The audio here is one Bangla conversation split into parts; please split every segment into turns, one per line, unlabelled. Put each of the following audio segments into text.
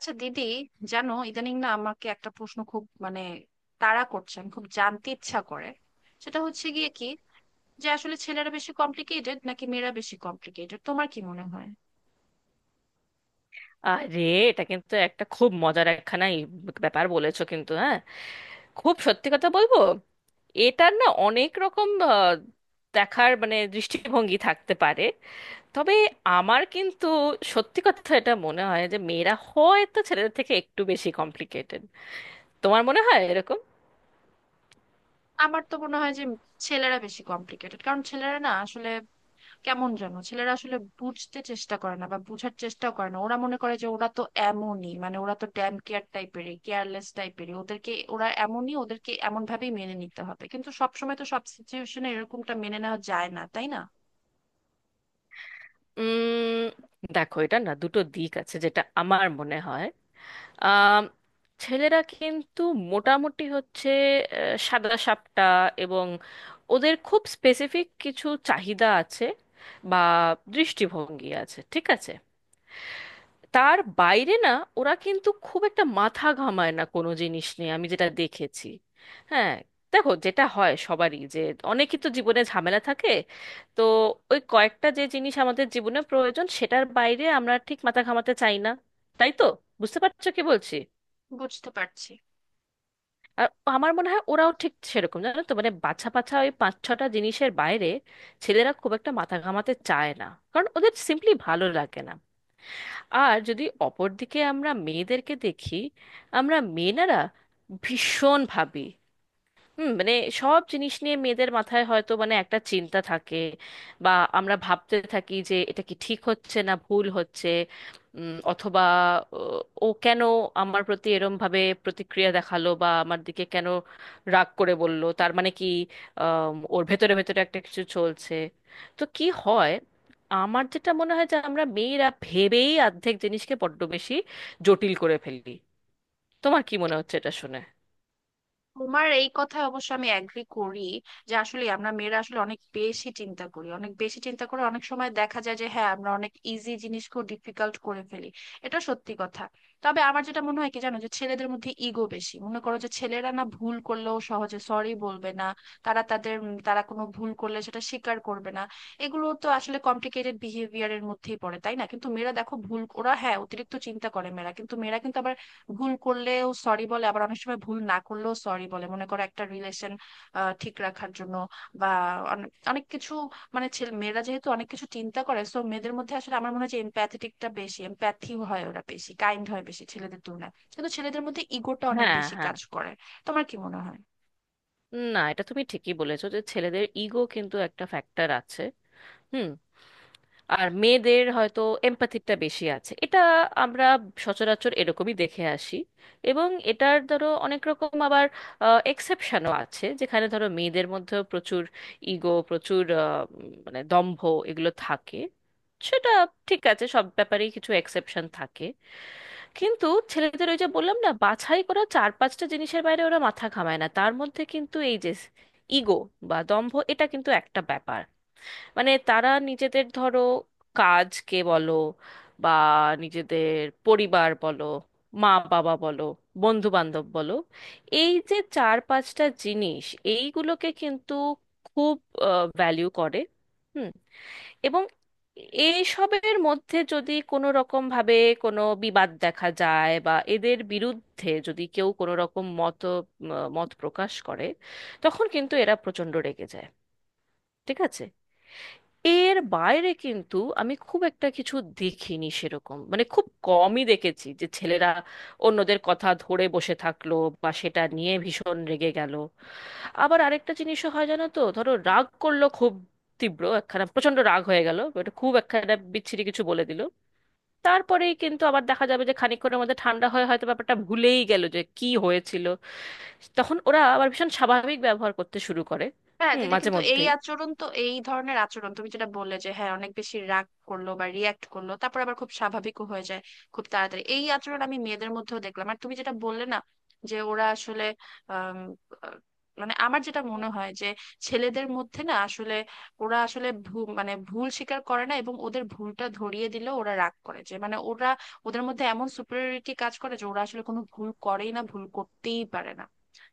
আচ্ছা দিদি, জানো ইদানিং না আমাকে একটা প্রশ্ন খুব তাড়া করছে। আমি খুব জানতে ইচ্ছা করে সেটা হচ্ছে গিয়ে কি, যে আসলে ছেলেরা বেশি কমপ্লিকেটেড নাকি মেয়েরা বেশি কমপ্লিকেটেড? তোমার কি মনে হয়?
আরে, এটা কিন্তু একটা খুব মজার একখানা ব্যাপার বলেছো। কিন্তু হ্যাঁ, খুব সত্যি কথা বলবো, এটার না অনেক রকম দেখার মানে দৃষ্টিভঙ্গি থাকতে পারে। তবে আমার কিন্তু সত্যি কথা এটা মনে হয় যে মেয়েরা হয়তো ছেলেদের থেকে একটু বেশি কমপ্লিকেটেড। তোমার মনে হয় এরকম?
আমার তো মনে হয় যে ছেলেরা বেশি কমপ্লিকেটেড, কারণ ছেলেরা না আসলে কেমন জানো, ছেলেরা আসলে বুঝতে চেষ্টা করে না বা বুঝার চেষ্টাও করে না। ওরা মনে করে যে ওরা তো এমনই, ওরা তো ড্যাম কেয়ার টাইপেরই, কেয়ারলেস টাইপেরই, ওদেরকে ওরা এমনই, ওদেরকে এমন ভাবেই মেনে নিতে হবে। কিন্তু সবসময় তো সব সিচুয়েশনে এরকমটা মেনে নেওয়া যায় না, তাই না?
উম দেখো, এটা না দুটো দিক আছে যেটা আমার মনে হয়। আম, ছেলেরা কিন্তু মোটামুটি হচ্ছে সাদা সাপটা, এবং ওদের খুব স্পেসিফিক কিছু চাহিদা আছে বা দৃষ্টিভঙ্গি আছে, ঠিক আছে? তার বাইরে না, ওরা কিন্তু খুব একটা মাথা ঘামায় না কোনো জিনিস নিয়ে, আমি যেটা দেখেছি। হ্যাঁ, দেখো যেটা হয় সবারই, যে অনেকই তো জীবনে ঝামেলা থাকে। তো ওই কয়েকটা যে জিনিস আমাদের জীবনে প্রয়োজন সেটার বাইরে আমরা ঠিক মাথা ঘামাতে চাই না, তাই তো? বুঝতে পারছো কি বলছি?
বুঝতে পারছি।
আর আমার মনে হয় ওরাও ঠিক সেরকম, জানো তো, মানে বাছা বাছা ওই পাঁচ ছটা জিনিসের বাইরে ছেলেরা খুব একটা মাথা ঘামাতে চায় না, কারণ ওদের সিম্পলি ভালো লাগে না। আর যদি অপরদিকে আমরা মেয়েদেরকে দেখি, আমরা মেয়েরা ভীষণ ভাবি। হুম, মানে সব জিনিস নিয়ে মেয়েদের মাথায় হয়তো মানে একটা চিন্তা থাকে। বা আমরা ভাবতে থাকি যে এটা কি ঠিক হচ্ছে না ভুল হচ্ছে, অথবা ও ও কেন আমার প্রতি এরম ভাবে প্রতিক্রিয়া দেখালো, বা আমার দিকে কেন রাগ করে বলল, তার মানে কি ওর ভেতরে ভেতরে একটা কিছু চলছে? তো কি হয়, আমার যেটা মনে হয় যে আমরা মেয়েরা ভেবেই অর্ধেক জিনিসকে বড্ড বেশি জটিল করে ফেলি। তোমার কি মনে হচ্ছে এটা শুনে?
তোমার এই কথায় অবশ্য আমি এগ্রি করি, যে আসলে আমরা মেয়েরা আসলে অনেক বেশি চিন্তা করি, অনেক বেশি চিন্তা করে অনেক সময় দেখা যায় যে হ্যাঁ, আমরা অনেক ইজি জিনিসকেও ডিফিকাল্ট করে ফেলি। এটা সত্যি কথা। তবে আমার যেটা মনে হয় কি জানো, যে ছেলেদের মধ্যে ইগো বেশি। মনে করো যে ছেলেরা না ভুল করলেও সহজে সরি বলবে না। তারা কোনো ভুল করলে সেটা স্বীকার করবে না। এগুলো তো আসলে কমপ্লিকেটেড বিহেভিয়ারের মধ্যেই পড়ে, তাই না? কিন্তু মেয়েরা দেখো, ভুল ওরা হ্যাঁ অতিরিক্ত চিন্তা করে মেয়েরা, কিন্তু আবার ভুল করলেও সরি বলে, আবার অনেক সময় ভুল না করলেও সরি বলে, মনে করো একটা রিলেশন ঠিক রাখার জন্য, বা অনেক অনেক কিছু। ছেলে মেয়েরা যেহেতু অনেক কিছু চিন্তা করে, সো মেয়েদের মধ্যে আসলে আমার মনে হয় যে এমপ্যাথেটিকটা বেশি, এমপ্যাথি হয় ওরা বেশি, কাইন্ড হয় বেশি ছেলেদের তুলনায়। কিন্তু ছেলেদের মধ্যে ইগোটা অনেক
হ্যাঁ,
বেশি
হ্যাঁ,
কাজ করে। তোমার কি মনে হয়?
না এটা তুমি ঠিকই বলেছো যে ছেলেদের ইগো কিন্তু একটা ফ্যাক্টর আছে। হুম। আর মেয়েদের হয়তো এম্প্যাথিটা বেশি আছে, এটা আমরা সচরাচর এরকমই দেখে আসি। এবং এটার ধরো অনেক রকম আবার এক্সেপশনও আছে, যেখানে ধরো মেয়েদের মধ্যেও প্রচুর ইগো, প্রচুর মানে দম্ভ, এগুলো থাকে। সেটা ঠিক আছে, সব ব্যাপারেই কিছু এক্সেপশন থাকে। কিন্তু ছেলেদের ওই যে বললাম না, বাছাই করা চার পাঁচটা জিনিসের বাইরে ওরা মাথা ঘামায় না, তার মধ্যে কিন্তু এই যে ইগো বা দম্ভ, এটা কিন্তু একটা ব্যাপার। মানে তারা নিজেদের ধরো কাজকে বলো, বা নিজেদের পরিবার বলো, মা বাবা বলো, বন্ধু বান্ধব বলো, এই যে চার পাঁচটা জিনিস, এইগুলোকে কিন্তু খুব ভ্যালিউ করে। হুম। এবং এইসবের মধ্যে যদি কোনো রকম ভাবে কোনো বিবাদ দেখা যায়, বা এদের বিরুদ্ধে যদি কেউ কোনো রকম মত মত প্রকাশ করে, তখন কিন্তু এরা প্রচণ্ড রেগে যায়, ঠিক আছে? এর বাইরে কিন্তু আমি খুব একটা কিছু দেখিনি, সেরকম মানে খুব কমই দেখেছি যে ছেলেরা অন্যদের কথা ধরে বসে থাকলো বা সেটা নিয়ে ভীষণ রেগে গেল। আবার আরেকটা জিনিসও হয় জানো তো, ধরো রাগ করলো খুব তীব্র, একখানা প্রচন্ড রাগ হয়ে গেল, ওটা খুব একখানা বিচ্ছিরি কিছু বলে দিল, তারপরেই কিন্তু আবার দেখা যাবে যে খানিকক্ষণের মধ্যে ঠান্ডা হয়ে হয়তো ব্যাপারটা ভুলেই গেল যে কি হয়েছিল। তখন ওরা আবার ভীষণ স্বাভাবিক ব্যবহার করতে শুরু করে।
হ্যাঁ
হুম,
দিদি,
মাঝে
কিন্তু এই
মধ্যেই।
আচরণ তো, এই ধরনের আচরণ তুমি যেটা বললে যে হ্যাঁ অনেক বেশি রাগ করলো বা রিয়াক্ট করলো, তারপর আবার খুব স্বাভাবিকও হয়ে যায় খুব তাড়াতাড়ি, এই আচরণ আমি মেয়েদের মধ্যেও দেখলাম। আর তুমি যেটা বললে না যে ওরা আসলে আম, আহ, আমার যেটা মনে হয় যে ছেলেদের মধ্যে না আসলে ওরা আসলে ভুল স্বীকার করে না, এবং ওদের ভুলটা ধরিয়ে দিলেও ওরা রাগ করে যে, ওরা, ওদের মধ্যে এমন সুপিরিয়রিটি কাজ করে যে ওরা আসলে কোনো ভুল করেই না, ভুল করতেই পারে না।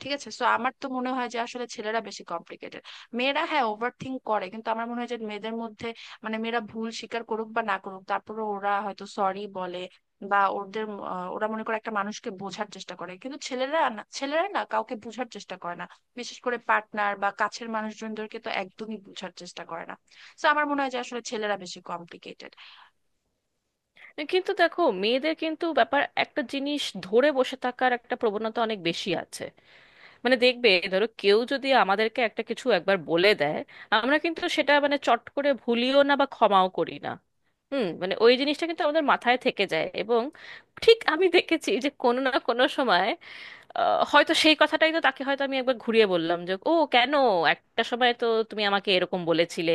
ঠিক আছে, সো আমার তো মনে হয় যে আসলে ছেলেরা বেশি কমপ্লিকেটেড। মেয়েরা হ্যাঁ ওভার থিঙ্ক করে, কিন্তু আমার মনে হয় যে মেয়েদের মধ্যে, মেয়েরা ভুল স্বীকার করুক বা না করুক, তারপরে ওরা হয়তো সরি বলে, বা ওদের, আহ, ওরা মনে করে একটা মানুষকে বোঝার চেষ্টা করে। কিন্তু ছেলেরা না, ছেলেরা কাউকে বোঝার চেষ্টা করে না, বিশেষ করে পার্টনার বা কাছের মানুষজনদেরকে তো একদমই বোঝার চেষ্টা করে না। তো আমার মনে হয় যে আসলে ছেলেরা বেশি কমপ্লিকেটেড।
কিন্তু দেখো, মেয়েদের কিন্তু ব্যাপার একটা জিনিস ধরে বসে থাকার একটা প্রবণতা অনেক বেশি আছে। মানে দেখবে, ধরো কেউ যদি আমাদেরকে একটা কিছু একবার বলে দেয়, আমরা কিন্তু সেটা মানে চট করে ভুলিও না বা ক্ষমাও করি না। হুম, মানে ওই জিনিসটা কিন্তু আমাদের মাথায় থেকে যায়, এবং ঠিক আমি দেখেছি যে কোনো না কোনো সময় হয়তো সেই কথাটাই তো তাকে হয়তো আমি একবার ঘুরিয়ে বললাম যে, ও কেন একটা সময় তো তুমি আমাকে এরকম বলেছিলে,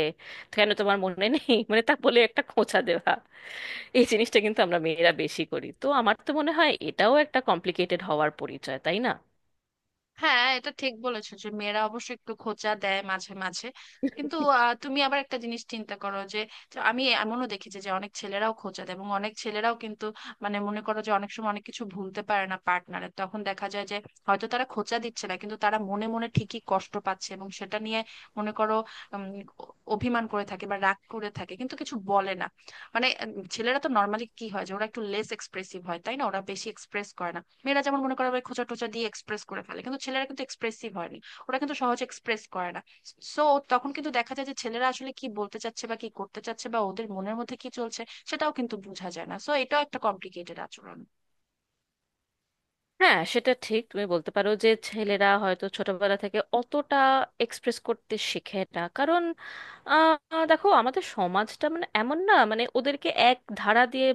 কেন তোমার মনে নেই, মানে তা বলে একটা খোঁচা দেওয়া। এই জিনিসটা কিন্তু আমরা মেয়েরা বেশি করি। তো আমার তো মনে হয় এটাও একটা কমপ্লিকেটেড হওয়ার পরিচয়, তাই না?
হ্যাঁ এটা ঠিক বলেছো যে মেয়েরা অবশ্য একটু খোঁচা দেয় মাঝে মাঝে, কিন্তু আহ, তুমি আবার একটা জিনিস চিন্তা করো যে, আমি এমনও দেখেছি যে অনেক ছেলেরাও খোঁচা দেয়, এবং অনেক ছেলেরাও কিন্তু মনে করো যে অনেক সময় অনেক কিছু ভুলতে পারে না পার্টনারের, তখন দেখা যায় যে হয়তো তারা খোঁচা দিচ্ছে না, কিন্তু তারা মনে মনে ঠিকই কষ্ট পাচ্ছে এবং সেটা নিয়ে মনে করো, উম, অভিমান করে থাকে বা রাগ করে থাকে, কিন্তু কিছু বলে না। ছেলেরা তো নর্মালি কি হয় যে ওরা একটু লেস এক্সপ্রেসিভ হয়, তাই না? ওরা বেশি এক্সপ্রেস করে না। মেয়েরা যেমন মনে করো আবার খোঁচা টোচা দিয়ে এক্সপ্রেস করে ফেলে, কিন্তু ছেলেরা কিন্তু এক্সপ্রেসিভ হয় না, ওরা কিন্তু সহজে এক্সপ্রেস করে না। সো তখন কিন্তু দেখা যায় যে ছেলেরা আসলে কি বলতে চাচ্ছে বা কি করতে চাচ্ছে বা ওদের মনের মধ্যে কি চলছে, সেটাও কিন্তু বোঝা যায় না। সো এটাও একটা কমপ্লিকেটেড আচরণ।
হ্যাঁ, সেটা ঠিক তুমি বলতে পারো যে ছেলেরা হয়তো ছোটবেলা থেকে অতটা এক্সপ্রেস করতে শেখে না, কারণ দেখো আমাদের সমাজটা মানে এমন না, মানে ওদেরকে এক ধারা দিয়ে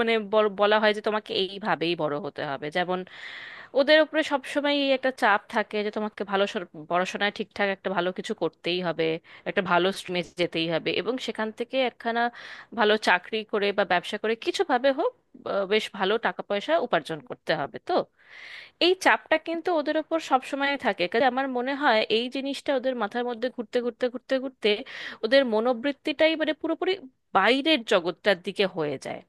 মানে বলা হয় যে তোমাকে এইভাবেই বড় হতে হবে, যেমন ওদের উপরে সবসময় একটা চাপ থাকে যে তোমাকে ভালো পড়াশোনায় ঠিকঠাক একটা ভালো কিছু করতেই হবে, একটা ভালো স্ট্রিমে যেতেই হবে, এবং সেখান থেকে একখানা ভালো চাকরি করে বা ব্যবসা করে কিছু ভাবে হোক বেশ ভালো টাকা পয়সা উপার্জন করতে হবে। তো এই চাপটা কিন্তু ওদের উপর সবসময় থাকে, কাজে আমার মনে হয় এই জিনিসটা ওদের মাথার মধ্যে ঘুরতে ঘুরতে ওদের মনোবৃত্তিটাই মানে পুরোপুরি বাইরের জগৎটার দিকে হয়ে যায়।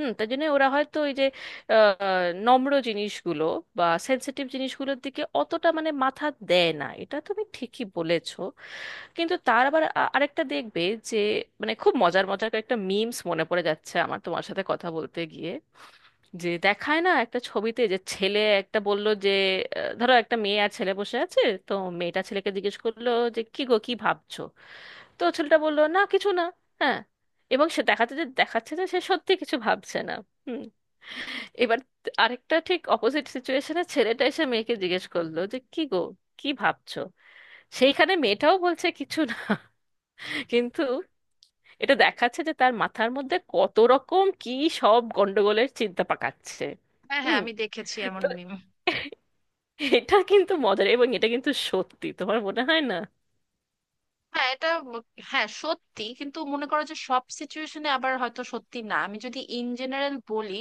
হুম, তার জন্য ওরা হয়তো ওই যে আহ, নম্র জিনিসগুলো বা সেন্সিটিভ জিনিসগুলোর দিকে অতটা মানে মাথা দেয় না, এটা তুমি ঠিকই বলেছো। কিন্তু তার আবার আরেকটা দেখবে, যে মানে খুব মজার মজার কয়েকটা মিমস মনে পড়ে যাচ্ছে আমার তোমার সাথে কথা বলতে গিয়ে, যে দেখায় না একটা ছবিতে যে ছেলে একটা বলল যে ধরো একটা মেয়ে আর ছেলে বসে আছে, তো মেয়েটা ছেলেকে জিজ্ঞেস করলো যে, কি গো কি ভাবছো? তো ছেলেটা বললো, না কিছু না। হ্যাঁ, এবং সে দেখাতে যে দেখাচ্ছে যে সে সত্যি কিছু ভাবছে না। হুম। এবার আরেকটা ঠিক অপোজিট সিচুয়েশনে ছেলেটা এসে মেয়েকে জিজ্ঞেস করলো যে, কি গো কি ভাবছো? সেইখানে মেয়েটাও বলছে, কিছু না। কিন্তু এটা দেখাচ্ছে যে তার মাথার মধ্যে কত রকম কি সব গন্ডগোলের চিন্তা পাকাচ্ছে।
হ্যাঁ হ্যাঁ,
হুম।
আমি দেখেছি এমন meme।
এটা কিন্তু মজার, এবং এটা কিন্তু সত্যি, তোমার মনে হয় না?
হ্যাঁ এটা ম- হ্যাঁ সত্যি, কিন্তু মনে করো যে সব সিচুয়েশনে আবার হয়তো সত্যি না। আমি যদি ইন জেনারেল বলি,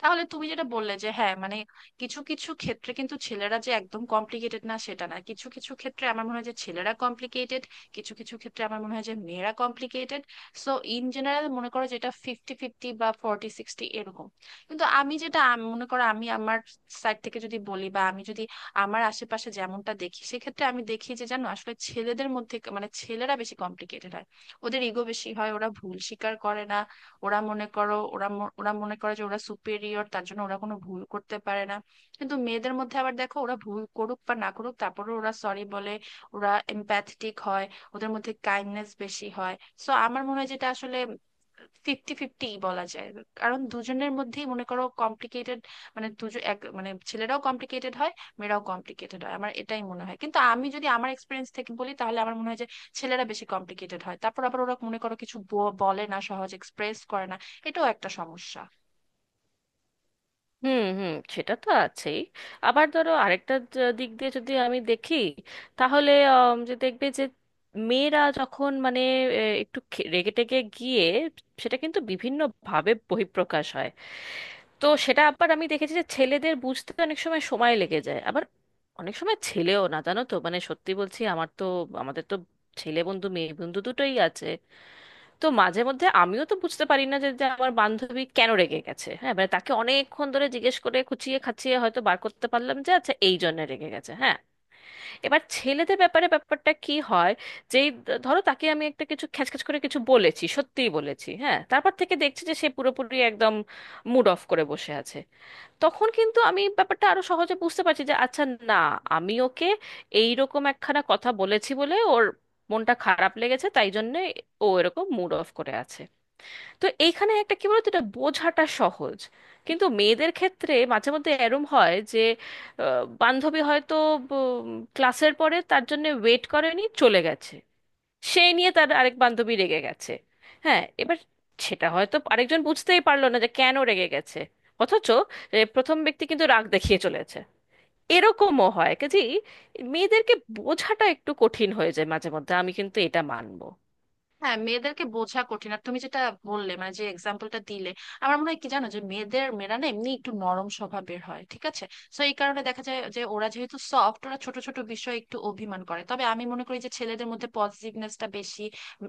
তাহলে তুমি যেটা বললে যে হ্যাঁ, কিছু কিছু ক্ষেত্রে কিন্তু ছেলেরা যে একদম কমপ্লিকেটেড না সেটা না, কিছু কিছু ক্ষেত্রে আমার মনে হয় যে ছেলেরা কমপ্লিকেটেড, কিছু কিছু ক্ষেত্রে আমার মনে হয় যে মেয়েরা কমপ্লিকেটেড। সো ইন জেনারেল মনে করো যেটা ফিফটি ফিফটি বা ফর্টি সিক্সটি এরকম। কিন্তু আমি যেটা মনে করো, আমি আমার সাইড থেকে যদি বলি, বা আমি যদি আমার আশেপাশে যেমনটা দেখি, সেক্ষেত্রে আমি দেখি যে জানো, আসলে ছেলেদের মধ্যে মানে ছেলেরা বেশি কমপ্লিকেটেড হয়, ওদের ইগো বেশি হয়, ওরা ভুল স্বীকার করে না। ওরা মনে করো, ওরা মনে করে যে ওরা সুপেরিয়র, তার জন্য ওরা কোনো ভুল করতে পারে না। কিন্তু মেয়েদের মধ্যে আবার দেখো, ওরা ভুল করুক বা না করুক, তারপরে ওরা সরি বলে, ওরা এম্প্যাথেটিক হয়, ওদের মধ্যে কাইন্ডনেস বেশি হয়। সো আমার মনে হয় যেটা আসলে ফিফটি ফিফটি বলা যায়, কারণ দুজনের মধ্যেই মনে করো কমপ্লিকেটেড, মানে দুজন এক মানে ছেলেরাও কমপ্লিকেটেড হয়, মেয়েরাও কমপ্লিকেটেড হয়, আমার এটাই মনে হয়। কিন্তু আমি যদি আমার এক্সপিরিয়েন্স থেকে বলি, তাহলে আমার মনে হয় যে ছেলেরা বেশি কমপ্লিকেটেড হয়। তারপর আবার ওরা মনে করো কিছু বলে না, সহজ এক্সপ্রেস করে না, এটাও একটা সমস্যা।
হুম, হুম, সেটা তো আছেই। আবার ধরো আরেকটা দিক দিয়ে যদি আমি দেখি, তাহলে যে দেখবে যে মেয়েরা যখন মানে একটু রেগে টেগে গিয়ে, সেটা কিন্তু বিভিন্ন ভাবে বহিঃপ্রকাশ হয়। তো সেটা আবার আমি দেখেছি যে ছেলেদের বুঝতে অনেক সময় সময় লেগে যায়। আবার অনেক সময় ছেলেও না, জানো তো মানে, সত্যি বলছি, আমার তো আমাদের তো ছেলে বন্ধু মেয়ে বন্ধু দুটোই আছে। তো মাঝে মধ্যে আমিও তো বুঝতে পারি না যে যে আমার বান্ধবী কেন রেগে গেছে। হ্যাঁ, মানে তাকে অনেকক্ষণ ধরে জিজ্ঞেস করে খুঁচিয়ে খাচিয়ে হয়তো বার করতে পারলাম যে আচ্ছা এই জন্য রেগে গেছে। হ্যাঁ। এবার ছেলেদের ব্যাপারে ব্যাপারটা কি হয়, যেই ধরো তাকে আমি একটা কিছু খ্যাচখ্যাচ করে কিছু বলেছি, সত্যিই বলেছি, হ্যাঁ, তারপর থেকে দেখছি যে সে পুরোপুরি একদম মুড অফ করে বসে আছে। তখন কিন্তু আমি ব্যাপারটা আরো সহজে বুঝতে পারছি যে আচ্ছা, না আমি ওকে এইরকম একখানা কথা বলেছি বলে ওর মনটা খারাপ লেগেছে, তাই জন্য ও এরকম মুড অফ করে আছে। তো এইখানে একটা কি বলতো, এটা বোঝাটা সহজ। কিন্তু মেয়েদের ক্ষেত্রে মাঝে মধ্যে এরম হয় যে বান্ধবী হয়তো উম, ক্লাসের পরে তার জন্য ওয়েট করেনি, চলে গেছে, সেই নিয়ে তার আরেক বান্ধবী রেগে গেছে। হ্যাঁ, এবার সেটা হয়তো আরেকজন বুঝতেই পারলো না যে কেন রেগে গেছে, অথচ প্রথম ব্যক্তি কিন্তু রাগ দেখিয়ে চলেছে। এরকমও হয়, কাজে মেয়েদেরকে বোঝাটা একটু কঠিন হয়ে যায় মাঝে মধ্যে, আমি কিন্তু এটা মানবো।
হ্যাঁ মেয়েদেরকে বোঝা কঠিন। আর তুমি যেটা বললে, যে এক্সাম্পলটা দিলে, আমার মনে হয় কি জানো যে মেয়েরা না এমনি একটু নরম স্বভাবের হয়, ঠিক আছে? তো এই কারণে দেখা যায় যে ওরা যেহেতু সফট, ওরা ছোট ছোট বিষয়ে একটু অভিমান করে। তবে আমি মনে করি যে ছেলেদের মধ্যে পজিটিভনেসটা বেশি,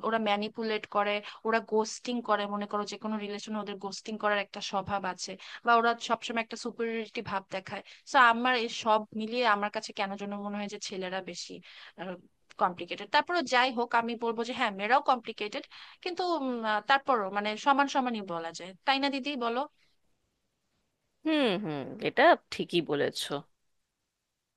ওরা ম্যানিপুলেট করে, ওরা গোস্টিং করে, মনে করো যে কোনো রিলেশনে ওদের গোস্টিং করার একটা স্বভাব আছে, বা ওরা সবসময় একটা সুপিরিয়রিটি ভাব দেখায়। তো আমার এই সব মিলিয়ে আমার কাছে কেন যেন মনে হয় যে ছেলেরা বেশি কমপ্লিকেটেড। তারপরও যাই হোক, আমি বলবো যে হ্যাঁ, মেয়েরাও কমপ্লিকেটেড, কিন্তু তারপরও সমান সমানই বলা যায়, তাই না দিদি, বলো?
হুম, হুম, এটা ঠিকই বলেছো।